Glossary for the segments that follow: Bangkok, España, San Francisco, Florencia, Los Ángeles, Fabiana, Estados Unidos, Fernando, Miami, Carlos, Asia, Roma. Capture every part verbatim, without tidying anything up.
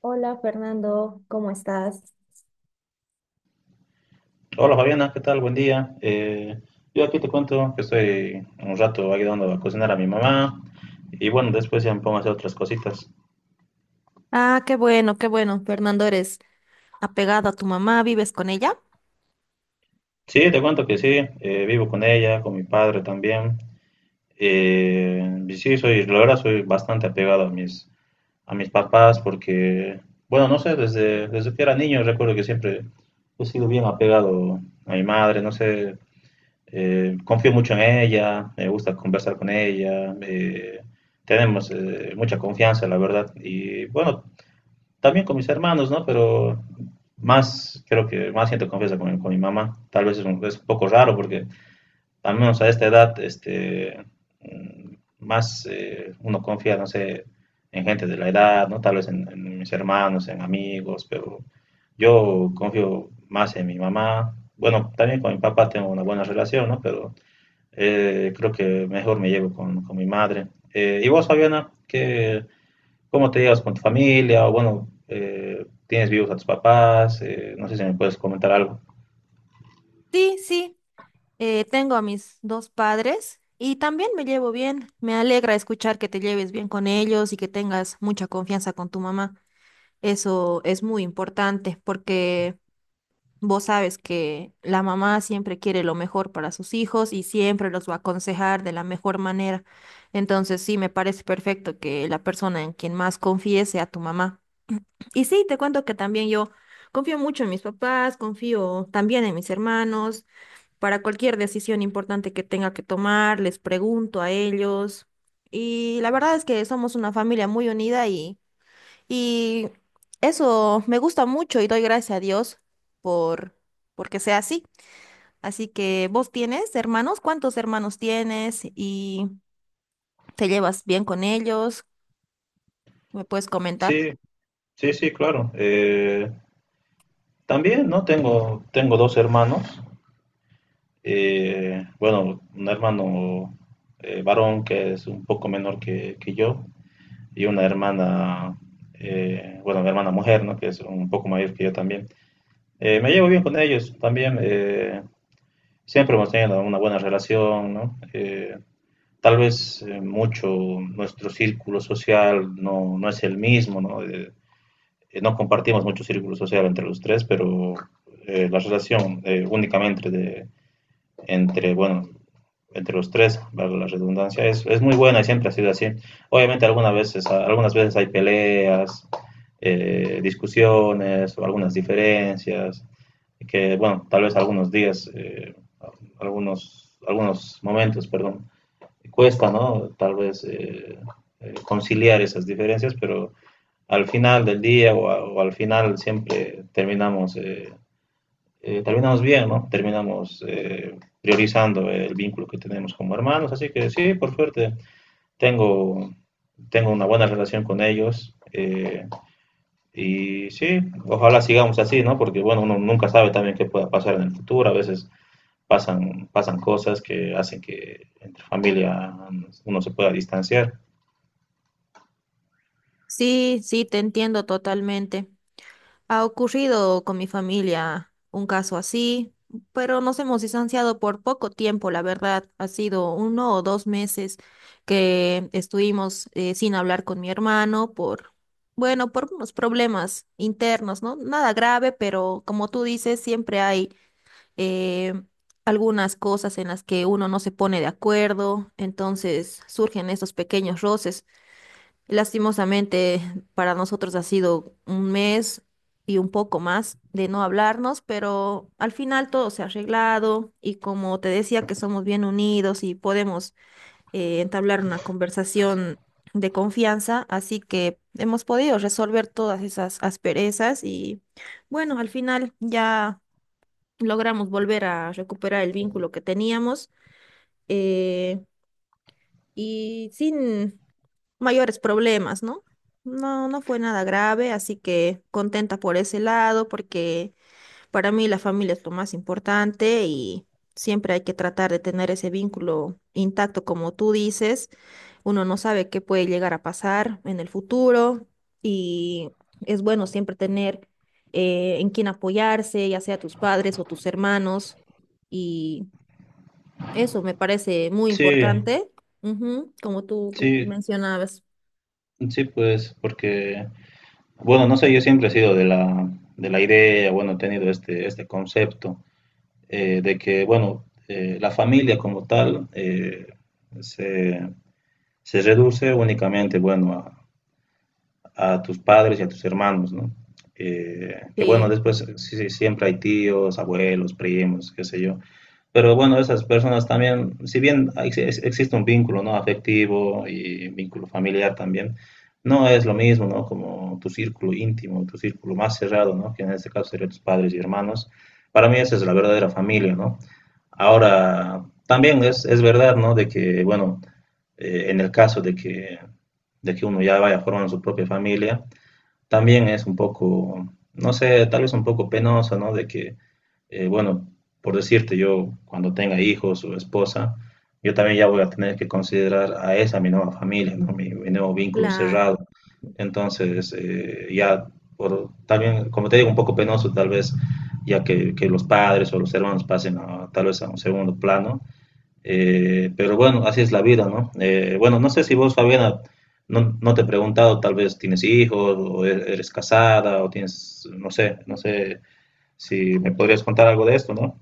Hola Fernando, ¿cómo estás? Hola Fabiana, ¿qué tal? Buen día. Eh, yo aquí te cuento que estoy un rato ayudando a cocinar a mi mamá y bueno, después ya me pongo a hacer otras cositas. Ah, qué bueno, qué bueno. Fernando, eres apegado a tu mamá, ¿vives con ella? Sí, te cuento que sí, eh, vivo con ella, con mi padre también. Eh, y sí, soy, la verdad soy bastante apegado a mis, a mis papás porque, bueno, no sé, desde, desde que era niño recuerdo que siempre he sido bien apegado a mi madre, no sé, eh, confío mucho en ella, me gusta conversar con ella, eh, tenemos eh, mucha confianza, la verdad. Y bueno, también con mis hermanos, ¿no? Pero más, creo que más siento confianza con, mi- con mi mamá. Tal vez es un, es un poco raro porque al menos a esta edad, este, mm, más eh, uno confía, no sé, en gente de la edad, ¿no? Tal vez en, en mis hermanos, en amigos, pero yo confío más en mi mamá. Bueno, también con mi papá tengo una buena relación, ¿no? Pero eh, creo que mejor me llevo con, con mi madre. Eh, ¿y vos, Fabiana, qué, cómo te llevas con tu familia? O bueno, eh, ¿tienes vivos a tus papás? Eh, no sé si me puedes comentar algo. Sí, sí. Eh, tengo a mis dos padres y también me llevo bien. Me alegra escuchar que te lleves bien con ellos y que tengas mucha confianza con tu mamá. Eso es muy importante porque vos sabes que la mamá siempre quiere lo mejor para sus hijos y siempre los va a aconsejar de la mejor manera. Entonces, sí, me parece perfecto que la persona en quien más confíes sea tu mamá. Y sí, te cuento que también yo confío mucho en mis papás, confío también en mis hermanos. Para cualquier decisión importante que tenga que tomar, les pregunto a ellos. Y la verdad es que somos una familia muy unida y, y eso me gusta mucho y doy gracias a Dios por porque sea así. Así que vos tienes hermanos, ¿cuántos hermanos tienes y te llevas bien con ellos? ¿Me puedes comentar? Sí, sí, sí, claro. Eh, también, ¿no? Tengo, tengo dos hermanos. Eh, bueno, un hermano eh, varón que es un poco menor que, que yo y una hermana, eh, bueno, mi hermana mujer, ¿no? Que es un poco mayor que yo también. Eh, me llevo bien con ellos también. eh, Siempre hemos tenido una buena relación, ¿no? Eh, tal vez eh, mucho nuestro círculo social no, no es el mismo, ¿no? Eh, eh, no compartimos mucho círculo social entre los tres, pero eh, la relación eh, únicamente de, entre, bueno, entre los tres, valga la redundancia, es, es muy buena y siempre ha sido así. Obviamente algunas veces, algunas veces hay peleas, eh, discusiones o algunas diferencias, que bueno, tal vez algunos días, eh, algunos, algunos momentos, perdón, cuesta, ¿no? Tal vez eh, eh, conciliar esas diferencias, pero al final del día o, a, o al final siempre terminamos eh, eh, terminamos bien, ¿no? Terminamos eh, priorizando el vínculo que tenemos como hermanos, así que sí, por suerte, tengo, tengo una buena relación con ellos. Eh, y sí, ojalá sigamos así, ¿no? Porque bueno, uno nunca sabe también qué pueda pasar en el futuro. A veces pasan, pasan cosas que hacen que entre familia uno se pueda distanciar. Sí, sí, te entiendo totalmente. Ha ocurrido con mi familia un caso así, pero nos hemos distanciado por poco tiempo, la verdad. Ha sido uno o dos meses que estuvimos eh, sin hablar con mi hermano por, bueno, por unos problemas internos, ¿no? Nada grave, pero como tú dices, siempre hay eh, algunas cosas en las que uno no se pone de acuerdo, entonces surgen estos pequeños roces. Lastimosamente, para nosotros ha sido un mes y un poco más de no hablarnos, pero al final todo se ha arreglado y como te decía que somos bien unidos y podemos eh, entablar una conversación de confianza, así que hemos podido resolver todas esas asperezas y bueno, al final ya logramos volver a recuperar el vínculo que teníamos eh, y sin mayores problemas, ¿no? No, no fue nada grave, así que contenta por ese lado, porque para mí la familia es lo más importante y siempre hay que tratar de tener ese vínculo intacto, como tú dices. Uno no sabe qué puede llegar a pasar en el futuro y es bueno siempre tener eh, en quién apoyarse, ya sea tus padres o tus hermanos. Y eso me parece muy Sí, importante, ujú, como tú sí, mencionabas. sí, pues, porque, bueno, no sé, yo siempre he sido de la, de la idea, bueno, he tenido este, este concepto eh, de que, bueno, eh, la familia como tal eh, se, se reduce únicamente, bueno, a, a tus padres y a tus hermanos, ¿no? Eh, que bueno, Sí. después sí, sí, siempre hay tíos, abuelos, primos, qué sé yo. Pero bueno, esas personas también, si bien ex- ex- existe un vínculo, ¿no? Afectivo y vínculo familiar también, no es lo mismo, ¿no? Como tu círculo íntimo, tu círculo más cerrado, ¿no? Que en este caso serían tus padres y hermanos. Para mí esa es la verdadera familia, ¿no? Ahora, también es, es verdad, ¿no? De que, bueno, eh, en el caso de que, de que uno ya vaya formando su propia familia, también es un poco, no sé, tal vez un poco penoso, ¿no? De que eh, bueno, por decirte, yo cuando tenga hijos o esposa, yo también ya voy a tener que considerar a esa mi nueva familia, ¿no? mi, mi nuevo vínculo Claro. cerrado. Entonces, eh, ya, por, también, como te digo, un poco penoso tal vez, ya que, que los padres o los hermanos pasen a, tal vez a un segundo plano. Eh, pero bueno, así es la vida, ¿no? Eh, bueno, no sé si vos, Fabiana, no, no te he preguntado, tal vez tienes hijos o e- eres casada o tienes, no sé, no sé si me podrías contar algo de esto, ¿no?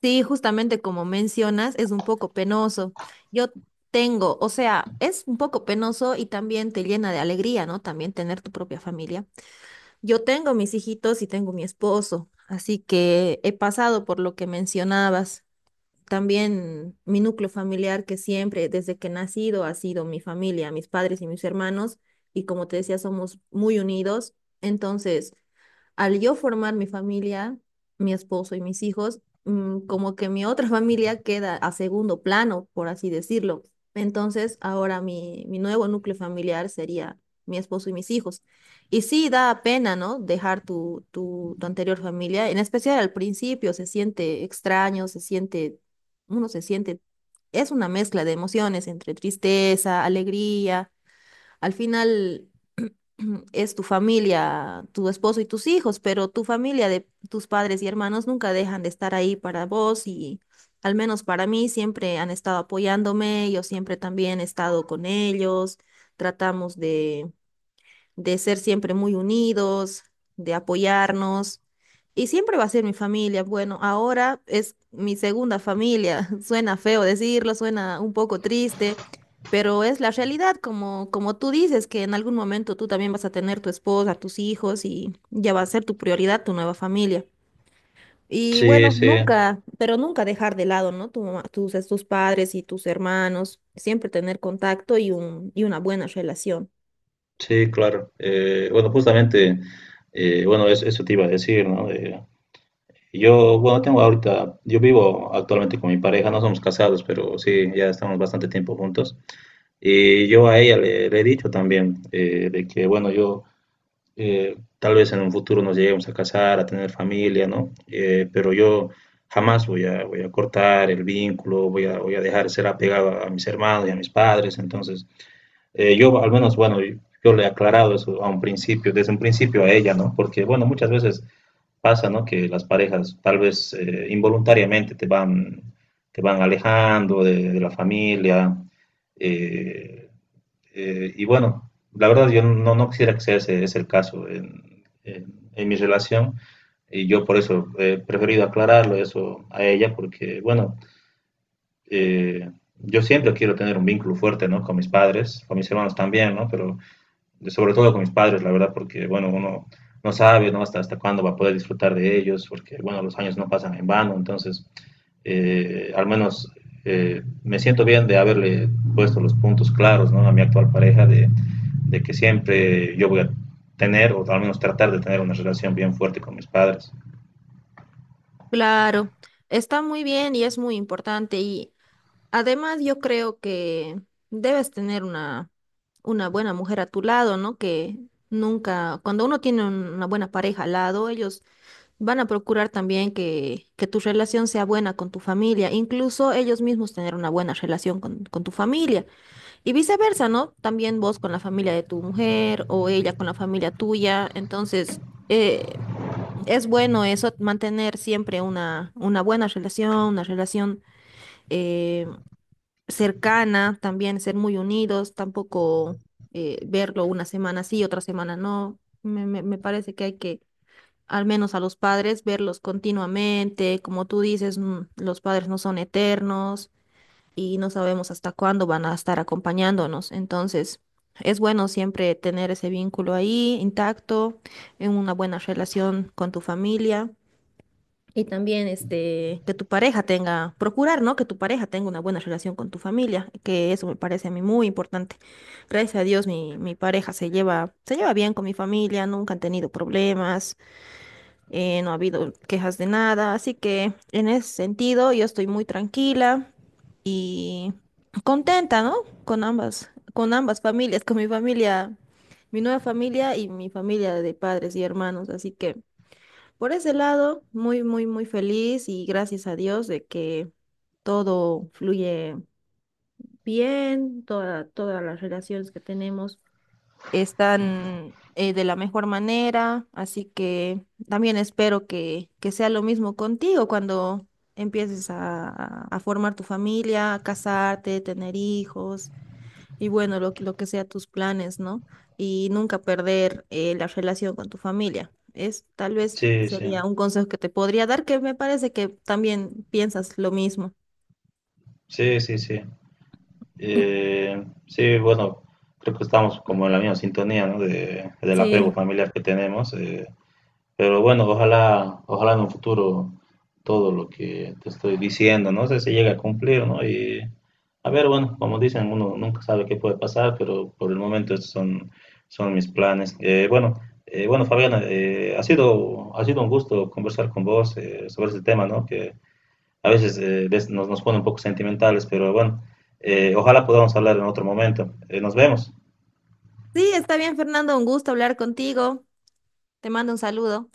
Sí, justamente como mencionas, es un poco penoso. Yo tengo, o sea, es un poco penoso y también te llena de alegría, ¿no? También tener tu propia familia. Yo tengo mis hijitos y tengo mi esposo, así que he pasado por lo que mencionabas. También mi núcleo familiar que siempre, desde que he nacido, ha sido mi familia, mis padres y mis hermanos, y como te decía, somos muy unidos. Entonces, al yo formar mi familia, mi esposo y mis hijos, mm, como que mi otra familia queda a segundo plano, por así decirlo. Entonces, ahora mi, mi nuevo núcleo familiar sería mi esposo y mis hijos. Y sí, da pena, ¿no? Dejar tu, tu, tu anterior familia, en especial al principio, se siente extraño, se siente uno se siente, es una mezcla de emociones entre tristeza, alegría. Al final es tu familia, tu esposo y tus hijos, pero tu familia de tus padres y hermanos nunca dejan de estar ahí para vos y al menos para mí siempre han estado apoyándome, yo siempre también he estado con ellos, tratamos de de ser siempre muy unidos, de apoyarnos. Y siempre va a ser mi familia. Bueno, ahora es mi segunda familia. Suena feo decirlo, suena un poco triste, pero es la realidad, como, como tú dices, que en algún momento tú también vas a tener tu esposa, tus hijos y ya va a ser tu prioridad, tu nueva familia. Y Sí, bueno, sí, nunca, pero nunca dejar de lado, ¿no? Tu mamá- tus, tus padres y tus hermanos, siempre tener contacto y un, y una buena relación. sí, claro. Eh, bueno, justamente, eh, bueno, es- eso te iba a decir, ¿no? Eh, yo, bueno, tengo ahorita, yo vivo actualmente con mi pareja, no somos casados, pero sí, ya estamos bastante tiempo juntos. Y yo a ella le, le he dicho también eh, de que, bueno, yo eh, tal vez en un futuro nos lleguemos a casar, a tener familia, ¿no? Eh, pero yo jamás voy a, voy a cortar el vínculo, voy a, voy a dejar de ser apegado a mis hermanos y a mis padres, entonces... Eh, yo al menos, bueno, yo le he aclarado eso a un principio, desde un principio a ella, ¿no? Porque, bueno, muchas veces pasa, ¿no? Que las parejas tal vez eh, involuntariamente te van, te van alejando de, de la familia. eh, eh, y bueno, la verdad yo no, no quisiera que sea ese, ese el caso en, en- en mi relación. Y yo por eso he preferido aclararlo eso a ella, porque bueno, eh, yo siempre quiero tener un vínculo fuerte, ¿no? Con mis padres, con mis hermanos también, ¿no? Pero sobre todo con mis padres, la verdad, porque, bueno, uno no sabe, ¿no? Hasta, hasta cuándo va a poder disfrutar de ellos, porque, bueno, los años no pasan en vano, entonces, eh, al menos eh, me siento bien de haberle puesto los puntos claros, ¿no? A mi actual pareja, de, de que siempre yo voy a tener, o al menos tratar de tener una relación bien fuerte con mis padres. Claro, está muy bien y es muy importante y además yo creo que debes tener una, una buena mujer a tu lado, ¿no? Que nunca, cuando uno tiene un- una buena pareja al lado, ellos van a procurar también que, que tu relación sea buena con tu familia, incluso ellos mismos tener una buena relación con, con tu familia y viceversa, ¿no? También vos con la familia de tu mujer o ella con la familia tuya, entonces... eh, es bueno eso, mantener siempre una, una buena relación, una relación eh, cercana, también ser muy unidos, tampoco eh, verlo una semana sí, otra semana no. Me, me- me parece que hay que, al menos a los padres, verlos continuamente. Como tú dices, mm, los padres no son eternos y no sabemos hasta cuándo van a estar acompañándonos. Entonces, es bueno siempre tener ese vínculo ahí intacto, en una buena relación con tu familia. Y también este, que tu pareja tenga, procurar, ¿no? Que tu pareja tenga una buena relación con tu familia, que eso me parece a mí muy importante. Gracias a Dios mi, mi pareja se lleva, se lleva bien con mi familia, nunca han tenido problemas, eh, no ha habido quejas de nada, así que en ese sentido yo estoy muy tranquila y contenta, ¿no? Con ambas, con ambas familias, con mi familia, mi nueva familia y mi familia de padres y hermanos, así que... Por ese lado, muy, muy, muy feliz y gracias a Dios de que todo fluye bien, toda- todas las relaciones que tenemos están eh, de la mejor manera, así que también espero que, que sea lo mismo contigo cuando empieces a, a a formar tu familia, a casarte, tener hijos. Y bueno, lo, lo que sea tus planes, ¿no? Y nunca perder eh, la relación con tu familia. Es tal vez Sí, sí, sería un consejo que te podría dar, que me parece que también piensas lo mismo. sí, sí, sí. Eh, sí, bueno, creo que estamos como en la misma sintonía, ¿no? De, del apego Sí. familiar que tenemos. eh, Pero bueno, ojalá, ojalá en un futuro todo lo que te estoy diciendo, no sé si llega a cumplir, ¿no? Y a ver, bueno, como dicen, uno nunca sabe qué puede pasar, pero por el momento estos son, son mis planes. Eh, bueno, eh, bueno, Fabiana, eh, ha sido, ha sido un gusto conversar con vos eh, sobre este tema, ¿no? Que a veces eh, des- nos, nos pone un poco sentimentales, pero bueno, eh, ojalá podamos hablar en otro momento. Eh, nos vemos. Sí, está bien, Fernando, un gusto hablar contigo. Te mando un saludo.